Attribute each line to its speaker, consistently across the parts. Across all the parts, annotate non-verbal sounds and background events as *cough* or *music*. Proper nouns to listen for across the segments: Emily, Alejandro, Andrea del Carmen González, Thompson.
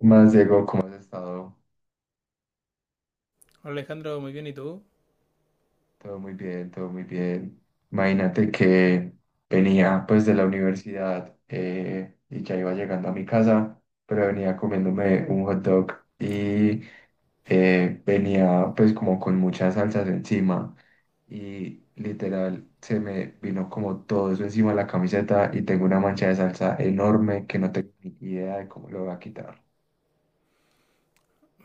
Speaker 1: Más Diego, ¿cómo has estado?
Speaker 2: Hola Alejandro, muy bien, ¿y tú?
Speaker 1: Todo muy bien, todo muy bien. Imagínate que venía pues de la universidad y ya iba llegando a mi casa, pero venía comiéndome un hot dog y venía pues como con muchas salsas encima y literal se me vino como todo eso encima de la camiseta y tengo una mancha de salsa enorme que no tengo ni idea de cómo lo voy a quitar.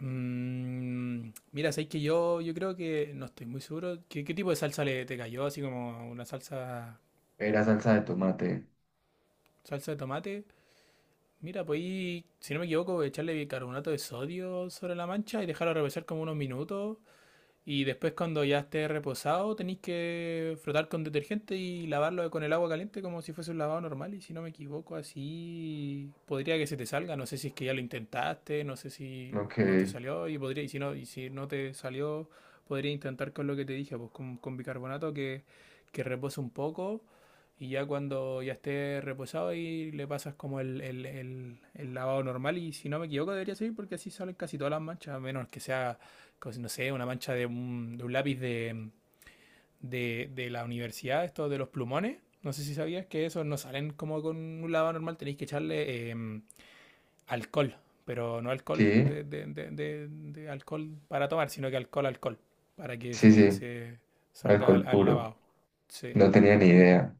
Speaker 2: Mm, mira, sabes que yo creo que no estoy muy seguro. ¿Qué tipo de salsa le te cayó? Así como una salsa,
Speaker 1: Era salsa de tomate,
Speaker 2: salsa de tomate. Mira, pues ahí, si no me equivoco, echarle bicarbonato de sodio sobre la mancha y dejarlo reposar como unos minutos. Y después cuando ya esté reposado tenéis que frotar con detergente y lavarlo con el agua caliente como si fuese un lavado normal. Y si no me equivoco, así podría que se te salga. No sé si es que ya lo intentaste, no sé si
Speaker 1: lo
Speaker 2: no te
Speaker 1: que
Speaker 2: salió y podría, y si no te salió, podría intentar con lo que te dije, pues con bicarbonato que repose un poco. Y ya cuando ya esté reposado ahí le pasas como el lavado normal. Y si no me equivoco debería salir porque así salen casi todas las manchas, a menos que sea como, no sé, una mancha de un lápiz de, la universidad, esto de los plumones. No sé si sabías que esos no salen como con un lavado normal, tenéis que echarle alcohol, pero no alcohol
Speaker 1: sí,
Speaker 2: de alcohol para tomar, sino que alcohol, alcohol, para que
Speaker 1: sí, sí.
Speaker 2: se salga
Speaker 1: Alcohol
Speaker 2: al, al
Speaker 1: puro.
Speaker 2: lavado. Sí,
Speaker 1: No tenía ni idea.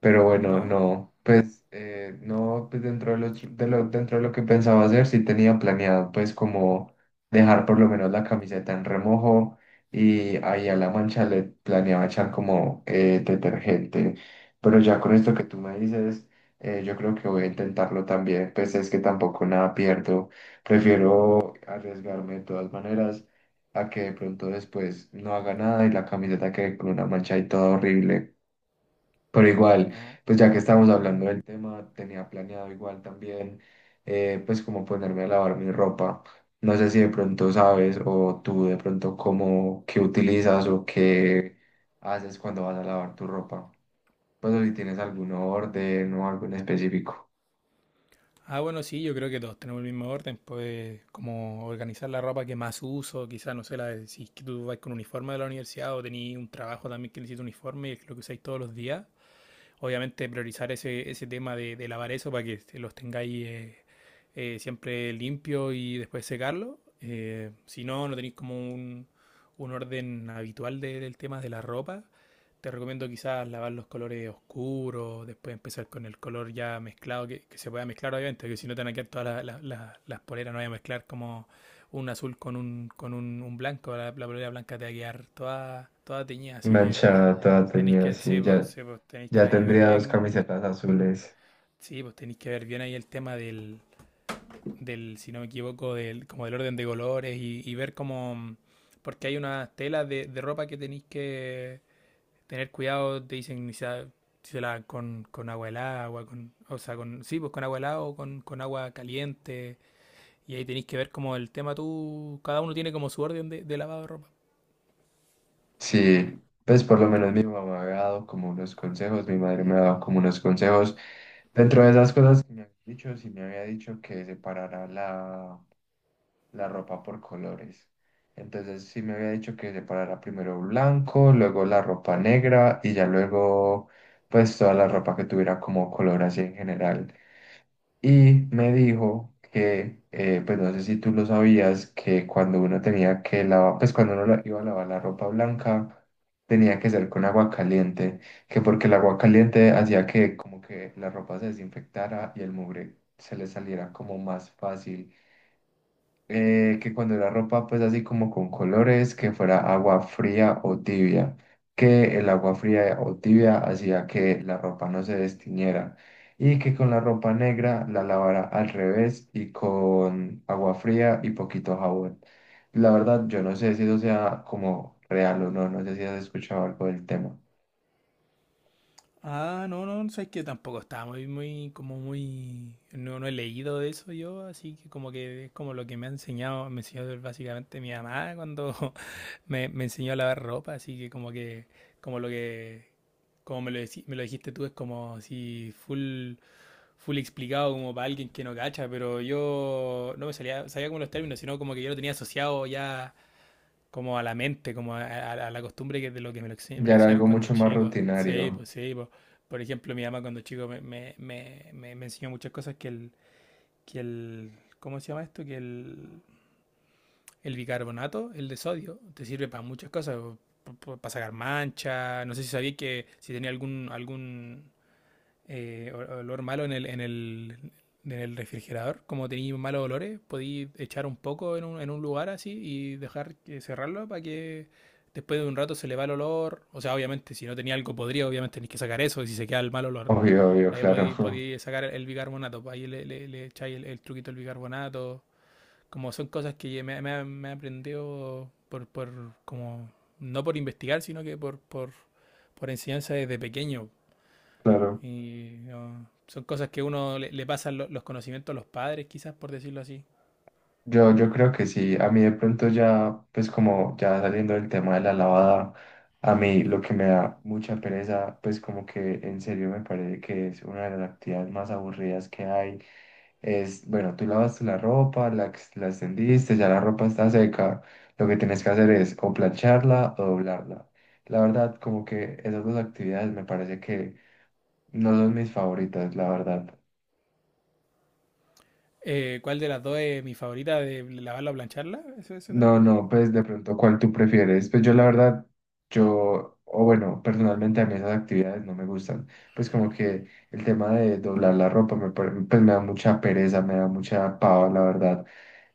Speaker 1: Pero bueno,
Speaker 2: ¿no?
Speaker 1: no, pues no, pues dentro de dentro de lo que pensaba hacer, sí tenía planeado, pues como dejar por lo menos la camiseta en remojo y ahí a la mancha le planeaba echar como detergente. Pero ya con esto que tú me dices, yo creo que voy a intentarlo también, pues es que tampoco nada pierdo. Prefiero arriesgarme de todas maneras a que de pronto después no haga nada y la camiseta quede con una mancha y todo horrible. Pero igual,
Speaker 2: No.
Speaker 1: pues ya que estamos hablando del tema, tenía planeado igual también, pues como ponerme a lavar mi ropa. No sé si de pronto sabes o tú de pronto cómo, qué utilizas o qué haces cuando vas a lavar tu ropa. Pues o si tienes algún orden o algo en específico.
Speaker 2: Ah, bueno, sí, yo creo que todos tenemos el mismo orden, pues como organizar la ropa que más uso, quizás, no sé, la, de- si es que tú vas con uniforme de la universidad o tenés un trabajo también que necesita uniforme y es lo que usáis todos los días, obviamente priorizar ese, ese tema de lavar eso para que los tengáis siempre limpio y después secarlo. Si no, no tenéis como un orden habitual de- del tema de la ropa, te recomiendo quizás lavar los colores oscuros, después empezar con el color ya mezclado, que se pueda mezclar obviamente, que si no te van a quedar todas las poleras, no voy a mezclar como un azul con un blanco, la polera blanca te va a quedar toda, toda teñida, así que
Speaker 1: Manchada, toda
Speaker 2: tenéis
Speaker 1: teñida,
Speaker 2: que,
Speaker 1: sí, ya,
Speaker 2: sí, pues, tenéis que
Speaker 1: ya
Speaker 2: ahí ver
Speaker 1: tendría dos
Speaker 2: bien,
Speaker 1: camisetas azules.
Speaker 2: sí, pues tenéis que ver bien ahí el tema del, del, si no me equivoco, del, como del orden de colores y ver cómo, porque hay unas telas de ropa que tenéis que tener cuidado, te dicen si la- si se lavan con agua helada, agua con, o sea, con, sí, pues con agua helada o con agua caliente, y ahí tenéis que ver como el tema tú, cada uno tiene como su orden de lavado de ropa.
Speaker 1: Sí, pues por lo menos mi mamá me ha dado como unos consejos, mi madre me ha dado como unos consejos. Dentro de esas cosas que me había dicho, sí me había dicho que separara la ropa por colores. Entonces sí me había dicho que separara primero blanco, luego la ropa negra y ya luego pues toda la ropa que tuviera como color así en general. Y me dijo que, pues no sé si tú lo sabías, que cuando uno tenía que lavar, pues cuando uno iba a lavar la ropa blanca, tenía que ser con agua caliente, que porque el agua caliente hacía que como que la ropa se desinfectara y el mugre se le saliera como más fácil, que cuando la ropa pues así como con colores, que fuera
Speaker 2: Ujú.
Speaker 1: agua fría o tibia, que el agua fría o tibia hacía que la ropa no se destiñera y que con la ropa negra la lavara al revés y con agua fría y poquito jabón. La verdad, yo no sé si eso sea como real o no, no sé si has escuchado algo del tema.
Speaker 2: Ah, no, no, no, sabes que tampoco estaba muy, muy, como muy, no, no he leído de eso yo, así que como que es como lo que me ha enseñado, me enseñó básicamente mi mamá cuando *laughs* me enseñó a lavar ropa, así que, como lo que, como me lo, decí- me lo dijiste tú, es como si full, full explicado como para alguien que no cacha, pero yo no me salía, sabía como los términos, sino como que yo lo tenía asociado ya como a la mente, como a la costumbre que de lo que me lo, ense- me lo
Speaker 1: Ya era
Speaker 2: enseñaron
Speaker 1: algo
Speaker 2: cuando
Speaker 1: mucho más
Speaker 2: chico. Sí,
Speaker 1: rutinario,
Speaker 2: pues sí, pues. Por ejemplo, mi mamá cuando chico me enseñó muchas cosas que el, ¿cómo se llama esto? El bicarbonato, el de sodio, te sirve para muchas cosas, para sacar manchas. No sé si sabía que si tenía algún, algún, olor malo en el, en el, en el refrigerador, como tenéis malos olores, podéis echar un poco en un lugar así y dejar que cerrarlo para que después de un rato se le va el olor. O sea, obviamente, si no tenía algo podría, obviamente tenéis que sacar eso, y si se queda el mal olor.
Speaker 1: obvio, obvio, claro,
Speaker 2: Podéis sacar el bicarbonato, pues ahí le echáis el truquito del bicarbonato. Como son cosas que me he aprendido por, como, no por investigar, sino que por enseñanza desde pequeño.
Speaker 1: *laughs* claro.
Speaker 2: Y no, son cosas que uno le pasan lo- los conocimientos a los padres, quizás, por decirlo así.
Speaker 1: Yo creo que sí, a mí de pronto ya, pues como ya saliendo del tema de la lavada, a mí lo que me da mucha pereza, pues como que en serio me parece que es una de las actividades más aburridas que hay, es, bueno, tú lavaste la ropa, la extendiste, ya la ropa está seca, lo que tienes que hacer es o plancharla o doblarla. La verdad, como que esas dos actividades me parece que no son mis favoritas, la verdad.
Speaker 2: ¿Cuál de las dos es mi favorita, de lavarla o plancharla? ¿Eso te
Speaker 1: No,
Speaker 2: referís?
Speaker 1: no, pues de pronto, ¿cuál tú prefieres? Pues yo la verdad, yo, o bueno, personalmente a mí esas actividades no me gustan. Pues como que el tema de doblar la ropa pues me da mucha pereza, me da mucha pava, la verdad.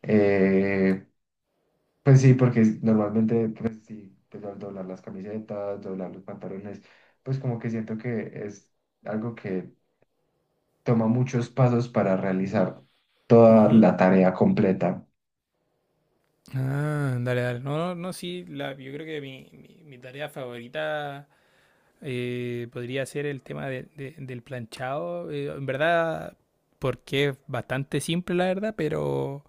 Speaker 1: Eh, pues sí, porque normalmente, pues sí, pues al doblar las camisetas, doblar los pantalones, pues como que siento que es algo que toma muchos pasos para realizar toda
Speaker 2: Ujú.
Speaker 1: la tarea completa.
Speaker 2: Ah, dale, dale. No, no, no, sí, la- yo creo que mi- mi tarea favorita podría ser el tema de- del planchado. En verdad, porque es bastante simple, la verdad, pero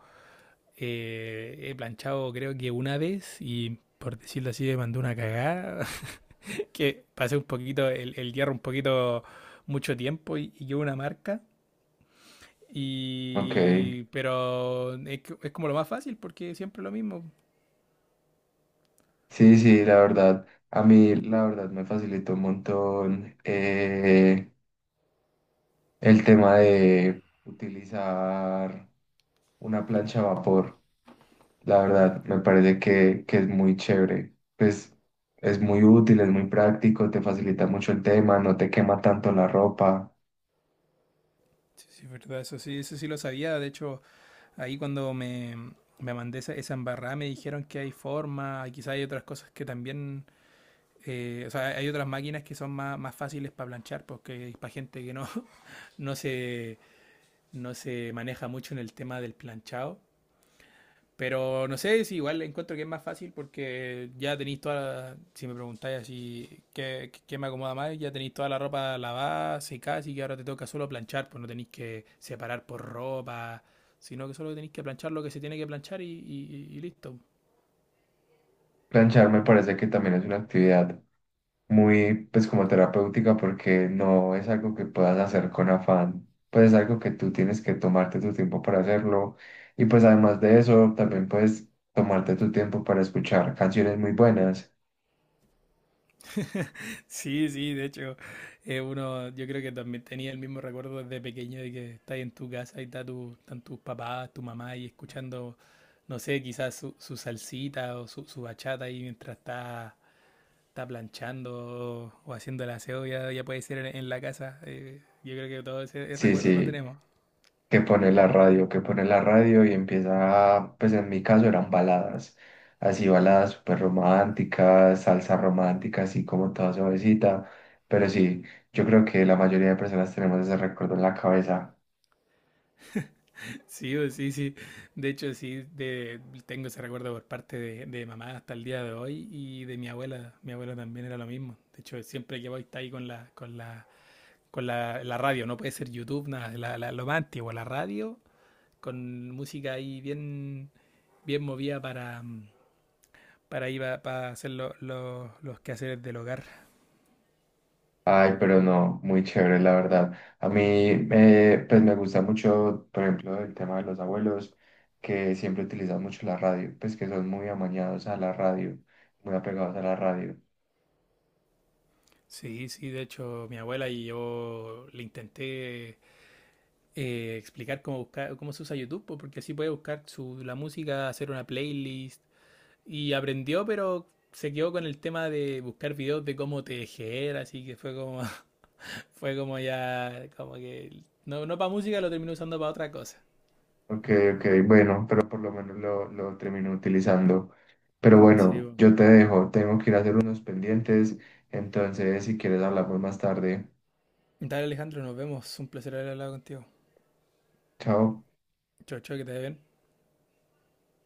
Speaker 2: he planchado creo que una vez y por decirlo así me mandó una cagada. *laughs* Que pasé un poquito el hierro un poquito mucho tiempo y llevo una marca.
Speaker 1: Ok.
Speaker 2: Y pero es, que- es como lo más fácil porque siempre lo mismo.
Speaker 1: Sí, sí, la verdad, a mí la verdad me facilitó un montón, el tema de utilizar una plancha a vapor. La verdad, me parece que es muy chévere. Pues es muy útil, es muy práctico, te facilita mucho el tema, no te quema tanto la ropa.
Speaker 2: Sí, sí, es verdad, eso sí lo sabía. De hecho, ahí cuando me mandé esa, esa embarrada me dijeron que hay forma quizás hay otras cosas que también, o sea, hay otras máquinas que son más, más fáciles para planchar, porque es para gente que no, *laughs* no se, no se maneja mucho en el tema del planchado. Pero no sé si igual encuentro que es más fácil porque ya tenéis toda la- si me preguntáis así qué, qué me acomoda más, ya tenéis toda la ropa lavada, secada, así que ahora te toca solo planchar, pues no tenéis que separar por ropa, sino que solo tenéis que planchar lo que se tiene que planchar y listo.
Speaker 1: Planchar me parece que también es una actividad muy, pues como terapéutica, porque no es algo que puedas hacer con afán, pues es algo que tú tienes que tomarte tu tiempo para hacerlo y pues además de eso también puedes tomarte tu tiempo para escuchar canciones muy buenas.
Speaker 2: *laughs* Sí, sí, de hecho, uno, yo creo que también tenía el mismo recuerdo desde pequeño de que estás en tu casa y está tu, están tus papás, tu mamá y escuchando, no sé, quizás su, su salsita o su bachata ahí mientras está planchando o haciendo el aseo, ya, ya puede ser en la casa. Yo creo que todo ese, ese
Speaker 1: Sí,
Speaker 2: recuerdo lo
Speaker 1: sí,
Speaker 2: tenemos.
Speaker 1: que pone la radio, que pone la radio y empieza, pues en mi caso eran baladas, así baladas súper románticas, salsa romántica, así como toda suavecita, pero sí, yo creo que la mayoría de personas tenemos ese recuerdo en la cabeza.
Speaker 2: *laughs* Sí, o sí, sí. De hecho, sí, de- tengo ese recuerdo por parte de mamá hasta el día de hoy y de mi abuela. Mi abuela también era lo mismo. De hecho, siempre que voy está ahí con la, con la, con la, la radio. No puede ser YouTube, nada. La- lo más antiguo, la radio, con música ahí bien, bien movida para, ir a- para hacer lo- los quehaceres del hogar.
Speaker 1: Ay, pero no, muy chévere, la verdad. A mí, pues me gusta mucho, por ejemplo, el tema de los abuelos, que siempre utilizan mucho la radio, pues que son muy amañados a la radio, muy apegados a la radio.
Speaker 2: Sí, sí, de hecho, mi abuela y yo le intenté explicar cómo buscar, cómo se usa YouTube, po, porque así puede buscar su, la música, hacer una playlist. Y aprendió, pero se quedó con el tema de buscar videos de cómo tejer, así que fue como, *laughs* fue como ya, como que no, no para música, lo terminó usando para otra cosa.
Speaker 1: Ok, ok, bueno, pero por lo menos lo termino utilizando. Pero
Speaker 2: Sí,
Speaker 1: bueno,
Speaker 2: po.
Speaker 1: yo te dejo, tengo que ir a hacer unos pendientes, entonces si quieres hablamos más tarde.
Speaker 2: Dale Alejandro, nos vemos. Un placer haber hablado contigo.
Speaker 1: Chao.
Speaker 2: Chau, chau, que te vaya bien.